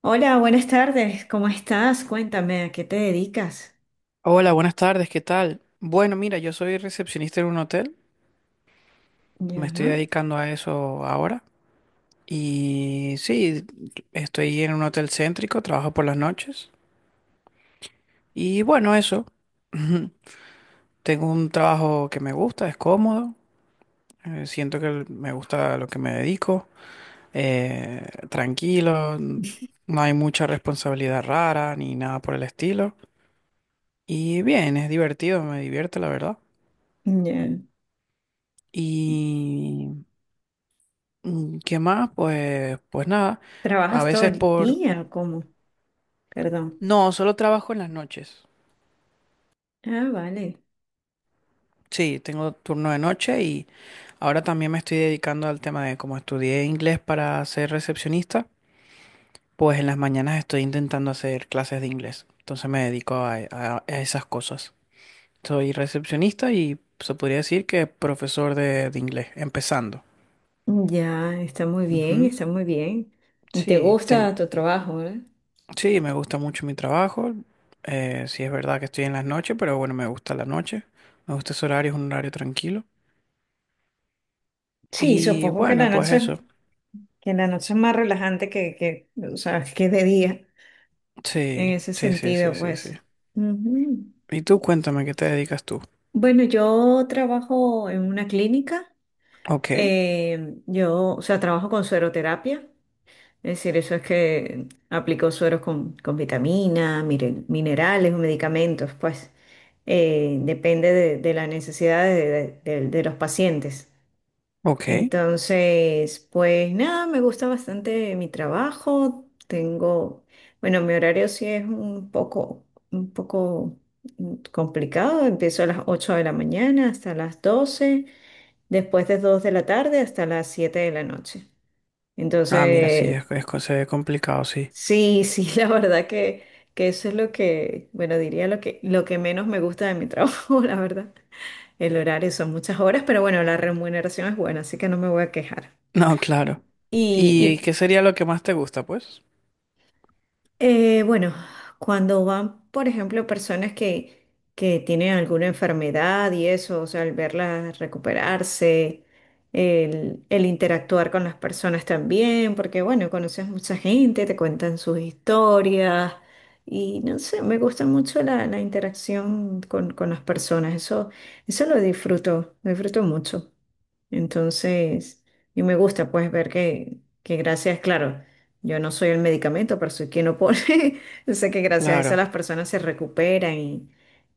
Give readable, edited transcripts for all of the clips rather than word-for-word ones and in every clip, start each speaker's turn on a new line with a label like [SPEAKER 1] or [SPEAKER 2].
[SPEAKER 1] Hola, buenas tardes. ¿Cómo estás? Cuéntame, ¿a qué te dedicas?
[SPEAKER 2] Hola, buenas tardes, ¿qué tal? Bueno, mira, yo soy recepcionista en un hotel, me
[SPEAKER 1] Ya,
[SPEAKER 2] estoy dedicando a eso ahora y sí, estoy en un hotel céntrico, trabajo por las noches y bueno, eso, tengo un trabajo que me gusta, es cómodo, siento que me gusta lo que me dedico, tranquilo, no hay mucha responsabilidad rara ni nada por el estilo y bien, es divertido, me divierte la verdad.
[SPEAKER 1] ya.
[SPEAKER 2] Y ¿qué más? Pues nada. A
[SPEAKER 1] ¿Trabajas todo
[SPEAKER 2] veces
[SPEAKER 1] el
[SPEAKER 2] por...
[SPEAKER 1] día o cómo? Perdón.
[SPEAKER 2] No, solo trabajo en las noches.
[SPEAKER 1] Ah, vale.
[SPEAKER 2] Sí, tengo turno de noche y ahora también me estoy dedicando al tema de como estudié inglés para ser recepcionista, pues en las mañanas estoy intentando hacer clases de inglés. Entonces me dedico a esas cosas. Soy recepcionista y se podría decir que profesor de inglés, empezando.
[SPEAKER 1] Ya, está muy bien,
[SPEAKER 2] Ujú.
[SPEAKER 1] está muy bien. ¿Y te
[SPEAKER 2] Sí, ten-
[SPEAKER 1] gusta tu trabajo, verdad?
[SPEAKER 2] Sí, me gusta mucho mi trabajo. Sí es verdad que estoy en las noches, pero bueno, me gusta la noche. Me gusta ese horario, es un horario tranquilo.
[SPEAKER 1] Sí,
[SPEAKER 2] Y
[SPEAKER 1] supongo que la
[SPEAKER 2] bueno, pues
[SPEAKER 1] noche,
[SPEAKER 2] eso.
[SPEAKER 1] es más relajante que, o sea, que de día, en
[SPEAKER 2] Sí,
[SPEAKER 1] ese
[SPEAKER 2] sí, sí, sí,
[SPEAKER 1] sentido,
[SPEAKER 2] sí, sí.
[SPEAKER 1] pues. Ujú.
[SPEAKER 2] Y tú cuéntame, ¿qué te dedicas tú?
[SPEAKER 1] Bueno, yo trabajo en una clínica.
[SPEAKER 2] Ok,
[SPEAKER 1] O sea, trabajo con sueroterapia. Es decir, eso es que aplicó sueros con vitaminas, minerales o medicamentos, pues depende de las necesidades de los pacientes.
[SPEAKER 2] ok.
[SPEAKER 1] Entonces, pues nada, me gusta bastante mi trabajo. Bueno, mi horario sí es un poco, un poco, complicado. Empiezo a las 8 de la mañana hasta las 12 después de 2 de la tarde hasta las 7 de la noche.
[SPEAKER 2] Ah, mira, sí,
[SPEAKER 1] Entonces,
[SPEAKER 2] se ve complicado, sí.
[SPEAKER 1] sí, sí, la verdad que eso es lo que, bueno, diría lo que menos me gusta de mi trabajo, la verdad. El horario son muchas horas, pero bueno, la remuneración es buena, así que no me voy a quejar.
[SPEAKER 2] No, claro. ¿Y
[SPEAKER 1] Y,
[SPEAKER 2] qué sería lo que más te gusta, pues?
[SPEAKER 1] Bueno, cuando van, por ejemplo, personas que tienen alguna enfermedad y eso, o sea, al verlas recuperarse, el interactuar con las personas también, porque bueno, conoces mucha gente, te cuentan sus historias y no sé, me gusta mucho la, la interacción con las personas, eso lo disfruto mucho. Entonces, y me gusta pues ver que gracias, claro, yo no soy el medicamento, pero soy quien lo pone. Yo sé que gracias a eso las
[SPEAKER 2] Claro.
[SPEAKER 1] personas se recuperan y,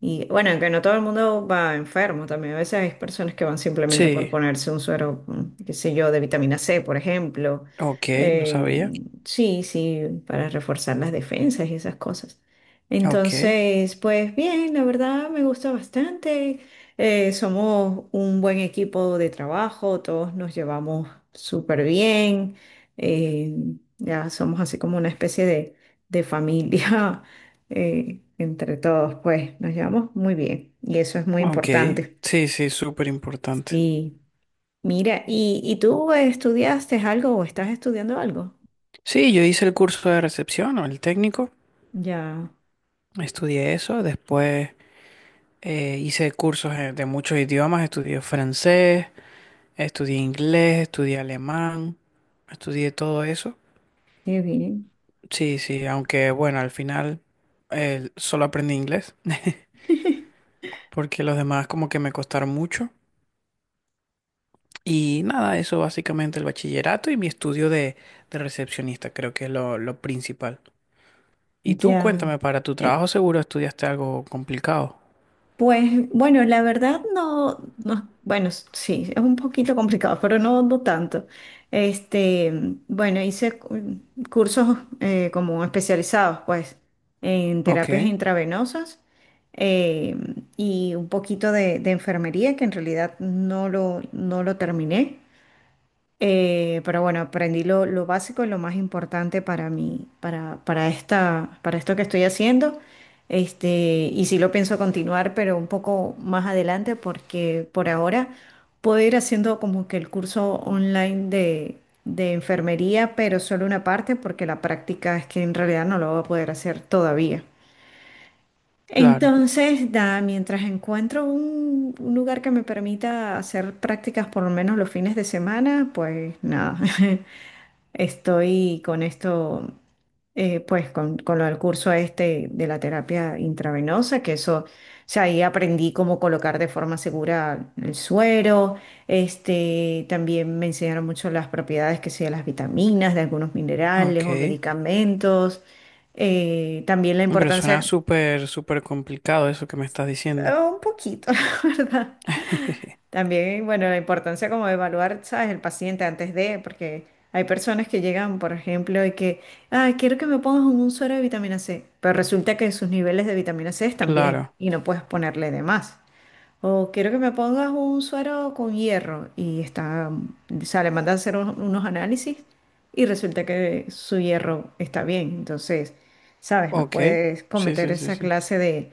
[SPEAKER 1] y bueno, aunque no todo el mundo va enfermo, también a veces hay personas que van simplemente por
[SPEAKER 2] Sí,
[SPEAKER 1] ponerse un suero, qué sé yo, de vitamina C, por ejemplo.
[SPEAKER 2] ok, no
[SPEAKER 1] Eh,
[SPEAKER 2] sabía.
[SPEAKER 1] sí, sí, para reforzar las defensas y esas cosas.
[SPEAKER 2] Ok,
[SPEAKER 1] Entonces, pues bien, la verdad me gusta bastante. Somos un buen equipo de trabajo, todos nos llevamos súper bien, eh, ya somos así como una especie de familia entre todos, pues nos llevamos muy bien y eso es muy
[SPEAKER 2] ok.
[SPEAKER 1] importante.
[SPEAKER 2] Sí, sí, súper importante.
[SPEAKER 1] Sí, mira, ¿y tú estudiaste algo o estás estudiando algo?
[SPEAKER 2] Sí, yo hice el curso de recepción o el técnico.
[SPEAKER 1] Ya,
[SPEAKER 2] Estudié eso, después hice cursos de muchos idiomas, estudié francés, estudié inglés, estudié alemán, estudié todo eso.
[SPEAKER 1] qué bien.
[SPEAKER 2] Sí, sí, aunque bueno, al final solo aprendí inglés, porque los demás como que me costaron mucho. Y nada, eso básicamente el bachillerato y mi estudio de recepcionista, creo que es lo principal. Y tú
[SPEAKER 1] Ya.
[SPEAKER 2] cuéntame, para tu trabajo
[SPEAKER 1] Eh,
[SPEAKER 2] seguro estudiaste algo complicado.
[SPEAKER 1] pues bueno, la verdad no, no, bueno, sí, es un poquito complicado, pero no, no tanto. Este, bueno, hice cursos como especializados, pues, en
[SPEAKER 2] Ok,
[SPEAKER 1] terapias intravenosas eh, y un poquito de enfermería, que en realidad no lo terminé. Pero bueno, aprendí lo básico, y lo más importante para mí, para esta, para esto que estoy haciendo. Este, y sí lo pienso continuar, pero un poco más adelante, porque por ahora puedo ir haciendo como que el curso online de enfermería, pero solo una parte, porque la práctica es que en realidad no lo voy a poder hacer todavía.
[SPEAKER 2] claro,
[SPEAKER 1] Entonces, mientras encuentro un lugar que me permita hacer prácticas por lo menos los fines de semana, pues nada, estoy con esto, pues con lo del curso este de la terapia intravenosa, que eso, o sea, ahí aprendí cómo colocar de forma segura el suero, este, también me enseñaron mucho las propiedades que sea de las vitaminas, de algunos minerales o
[SPEAKER 2] ok.
[SPEAKER 1] medicamentos, también la
[SPEAKER 2] Pero suena
[SPEAKER 1] importancia,
[SPEAKER 2] súper, súper complicado eso que me estás diciendo.
[SPEAKER 1] un poquito, la verdad. También, bueno, la importancia como de evaluar, ¿sabes? El paciente antes de, porque hay personas que llegan, por ejemplo, y que, ah, quiero que me pongas un suero de vitamina C, pero resulta que sus niveles de vitamina C están bien
[SPEAKER 2] Claro,
[SPEAKER 1] y no puedes ponerle de más. O quiero que me pongas un suero con hierro y está, o sea, le mandan a hacer unos análisis y resulta que su hierro está bien. Entonces, ¿sabes? No
[SPEAKER 2] ok.
[SPEAKER 1] puedes
[SPEAKER 2] Sí,
[SPEAKER 1] cometer
[SPEAKER 2] sí, sí,
[SPEAKER 1] esa
[SPEAKER 2] sí.
[SPEAKER 1] clase de,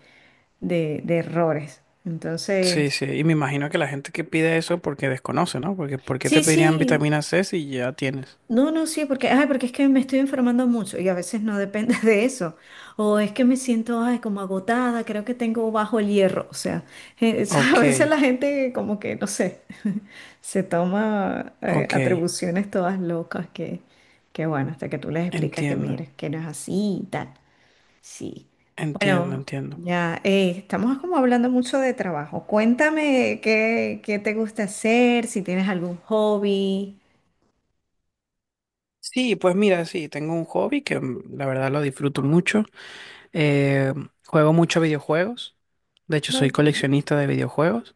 [SPEAKER 1] de errores.
[SPEAKER 2] Sí,
[SPEAKER 1] Entonces...
[SPEAKER 2] sí. Y me imagino que la gente que pide eso porque desconoce, ¿no? Porque ¿por qué te
[SPEAKER 1] Sí,
[SPEAKER 2] pedirían
[SPEAKER 1] sí,
[SPEAKER 2] vitamina C si ya tienes?
[SPEAKER 1] no, no, sí, ay, porque es que me estoy enfermando mucho y a veces no depende de eso. O es que me siento, ay, como agotada, creo que tengo bajo el hierro. O sea, eh, a
[SPEAKER 2] Ok,
[SPEAKER 1] veces la gente como que, no sé, se toma
[SPEAKER 2] ok.
[SPEAKER 1] atribuciones todas locas que bueno, hasta que tú les explicas que
[SPEAKER 2] Entiendo,
[SPEAKER 1] mires, que no es así y tal. Sí.
[SPEAKER 2] entiendo,
[SPEAKER 1] Bueno,
[SPEAKER 2] entiendo.
[SPEAKER 1] ya, estamos como hablando mucho de trabajo. Cuéntame qué, qué te gusta hacer, si tienes algún hobby.
[SPEAKER 2] Sí, pues mira, sí, tengo un hobby que la verdad lo disfruto mucho. Eh, juego mucho videojuegos. De hecho, soy
[SPEAKER 1] Claro.
[SPEAKER 2] coleccionista de videojuegos.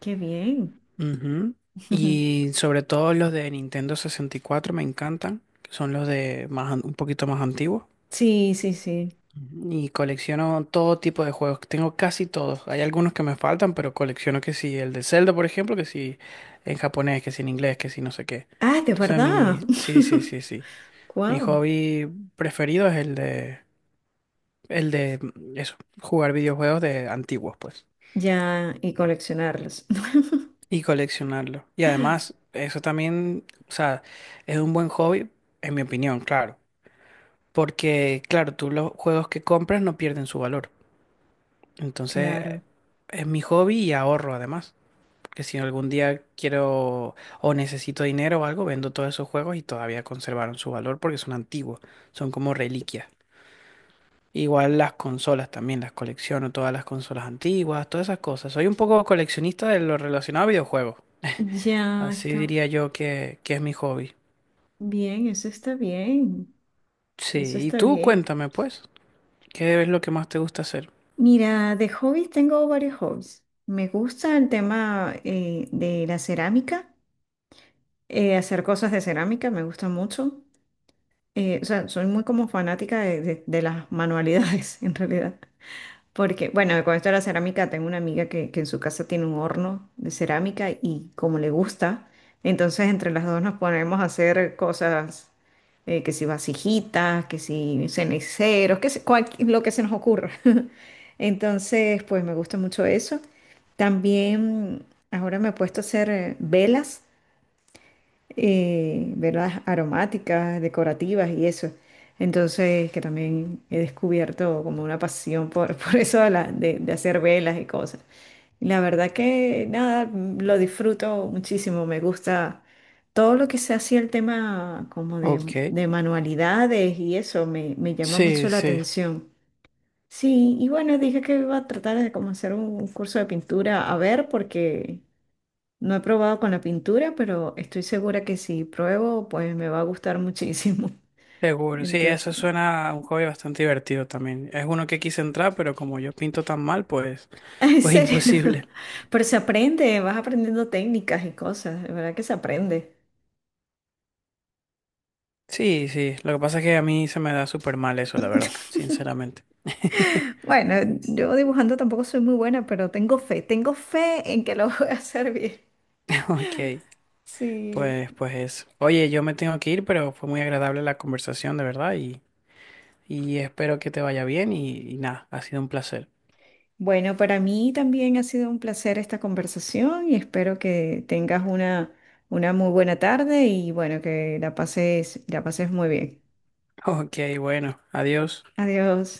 [SPEAKER 1] Qué bien.
[SPEAKER 2] Ujú. Y sobre todo los de Nintendo 64 me encantan, que son los de más, an- un poquito más antiguos.
[SPEAKER 1] Sí, sí, sí.
[SPEAKER 2] Ujú. Y colecciono todo tipo de juegos, tengo casi todos. Hay algunos que me faltan, pero colecciono que si el de Zelda, por ejemplo, que si en japonés, que si en inglés, que si no sé qué.
[SPEAKER 1] Ah, de verdad.
[SPEAKER 2] Sí, sí, sí, sí. Mi
[SPEAKER 1] Wow.
[SPEAKER 2] hobby preferido es eso, jugar videojuegos de antiguos, pues.
[SPEAKER 1] Ya, y coleccionarlos.
[SPEAKER 2] Y coleccionarlo. Y además, eso también, o sea, es un buen hobby, en mi opinión, claro. Porque, claro, tú los juegos que compras no pierden su valor. Entonces,
[SPEAKER 1] Claro.
[SPEAKER 2] es mi hobby y ahorro además. Porque si algún día quiero o necesito dinero o algo, vendo todos esos juegos y todavía conservaron su valor porque son antiguos, son como reliquias. Igual las consolas también, las colecciono, todas las consolas antiguas, todas esas cosas. Soy un poco coleccionista de lo relacionado a videojuegos.
[SPEAKER 1] Ya
[SPEAKER 2] Así
[SPEAKER 1] está
[SPEAKER 2] diría yo que es mi hobby.
[SPEAKER 1] bien, eso está bien. Eso
[SPEAKER 2] Sí, y
[SPEAKER 1] está
[SPEAKER 2] tú
[SPEAKER 1] bien.
[SPEAKER 2] cuéntame pues, ¿qué es lo que más te gusta hacer?
[SPEAKER 1] Mira, de hobbies tengo varios hobbies. Me gusta el tema de la cerámica, hacer cosas de cerámica, me gusta mucho. O sea, soy muy como fanática de las manualidades, en realidad. Porque, bueno, con esto de la cerámica, tengo una amiga que en su casa tiene un horno de cerámica y como le gusta, entonces entre las dos nos ponemos a hacer cosas, que si vasijitas, que si ceniceros, que si, lo que se nos ocurra. Entonces, pues me gusta mucho eso. También ahora me he puesto a hacer velas ¿verdad? Aromáticas, decorativas y eso. Entonces, que también he descubierto como una pasión por, por eso de, de hacer velas y cosas. Y la verdad que nada, lo disfruto muchísimo, me gusta todo lo que se hacía el tema como de,
[SPEAKER 2] Ok,
[SPEAKER 1] de manualidades y eso me llama mucho
[SPEAKER 2] sí,
[SPEAKER 1] la
[SPEAKER 2] sí,
[SPEAKER 1] atención. Sí, y bueno, dije que iba a tratar de como hacer un curso de pintura a ver porque... No he probado con la pintura, pero estoy segura que si pruebo, pues me va a gustar muchísimo.
[SPEAKER 2] seguro. Sí, eso
[SPEAKER 1] Entonces,
[SPEAKER 2] suena a un hobby bastante divertido también. Es uno que quise entrar, pero como yo pinto tan mal, pues,
[SPEAKER 1] en
[SPEAKER 2] pues
[SPEAKER 1] serio.
[SPEAKER 2] imposible.
[SPEAKER 1] Pero se aprende, vas aprendiendo técnicas y cosas, de verdad que se aprende.
[SPEAKER 2] Sí, sí, lo que pasa es que a mí se me da súper mal eso, la verdad, sinceramente.
[SPEAKER 1] Bueno, yo dibujando tampoco soy muy buena, pero tengo fe en que lo voy a hacer bien.
[SPEAKER 2] Ok,
[SPEAKER 1] Sí.
[SPEAKER 2] pues, pues eso. Oye, yo me tengo que ir, pero fue muy agradable la conversación, de verdad, y espero que te vaya bien y nada, ha sido un placer.
[SPEAKER 1] Bueno, para mí también ha sido un placer esta conversación y espero que tengas una muy buena tarde y bueno, que la pases muy bien.
[SPEAKER 2] Ok, bueno, adiós.
[SPEAKER 1] Adiós.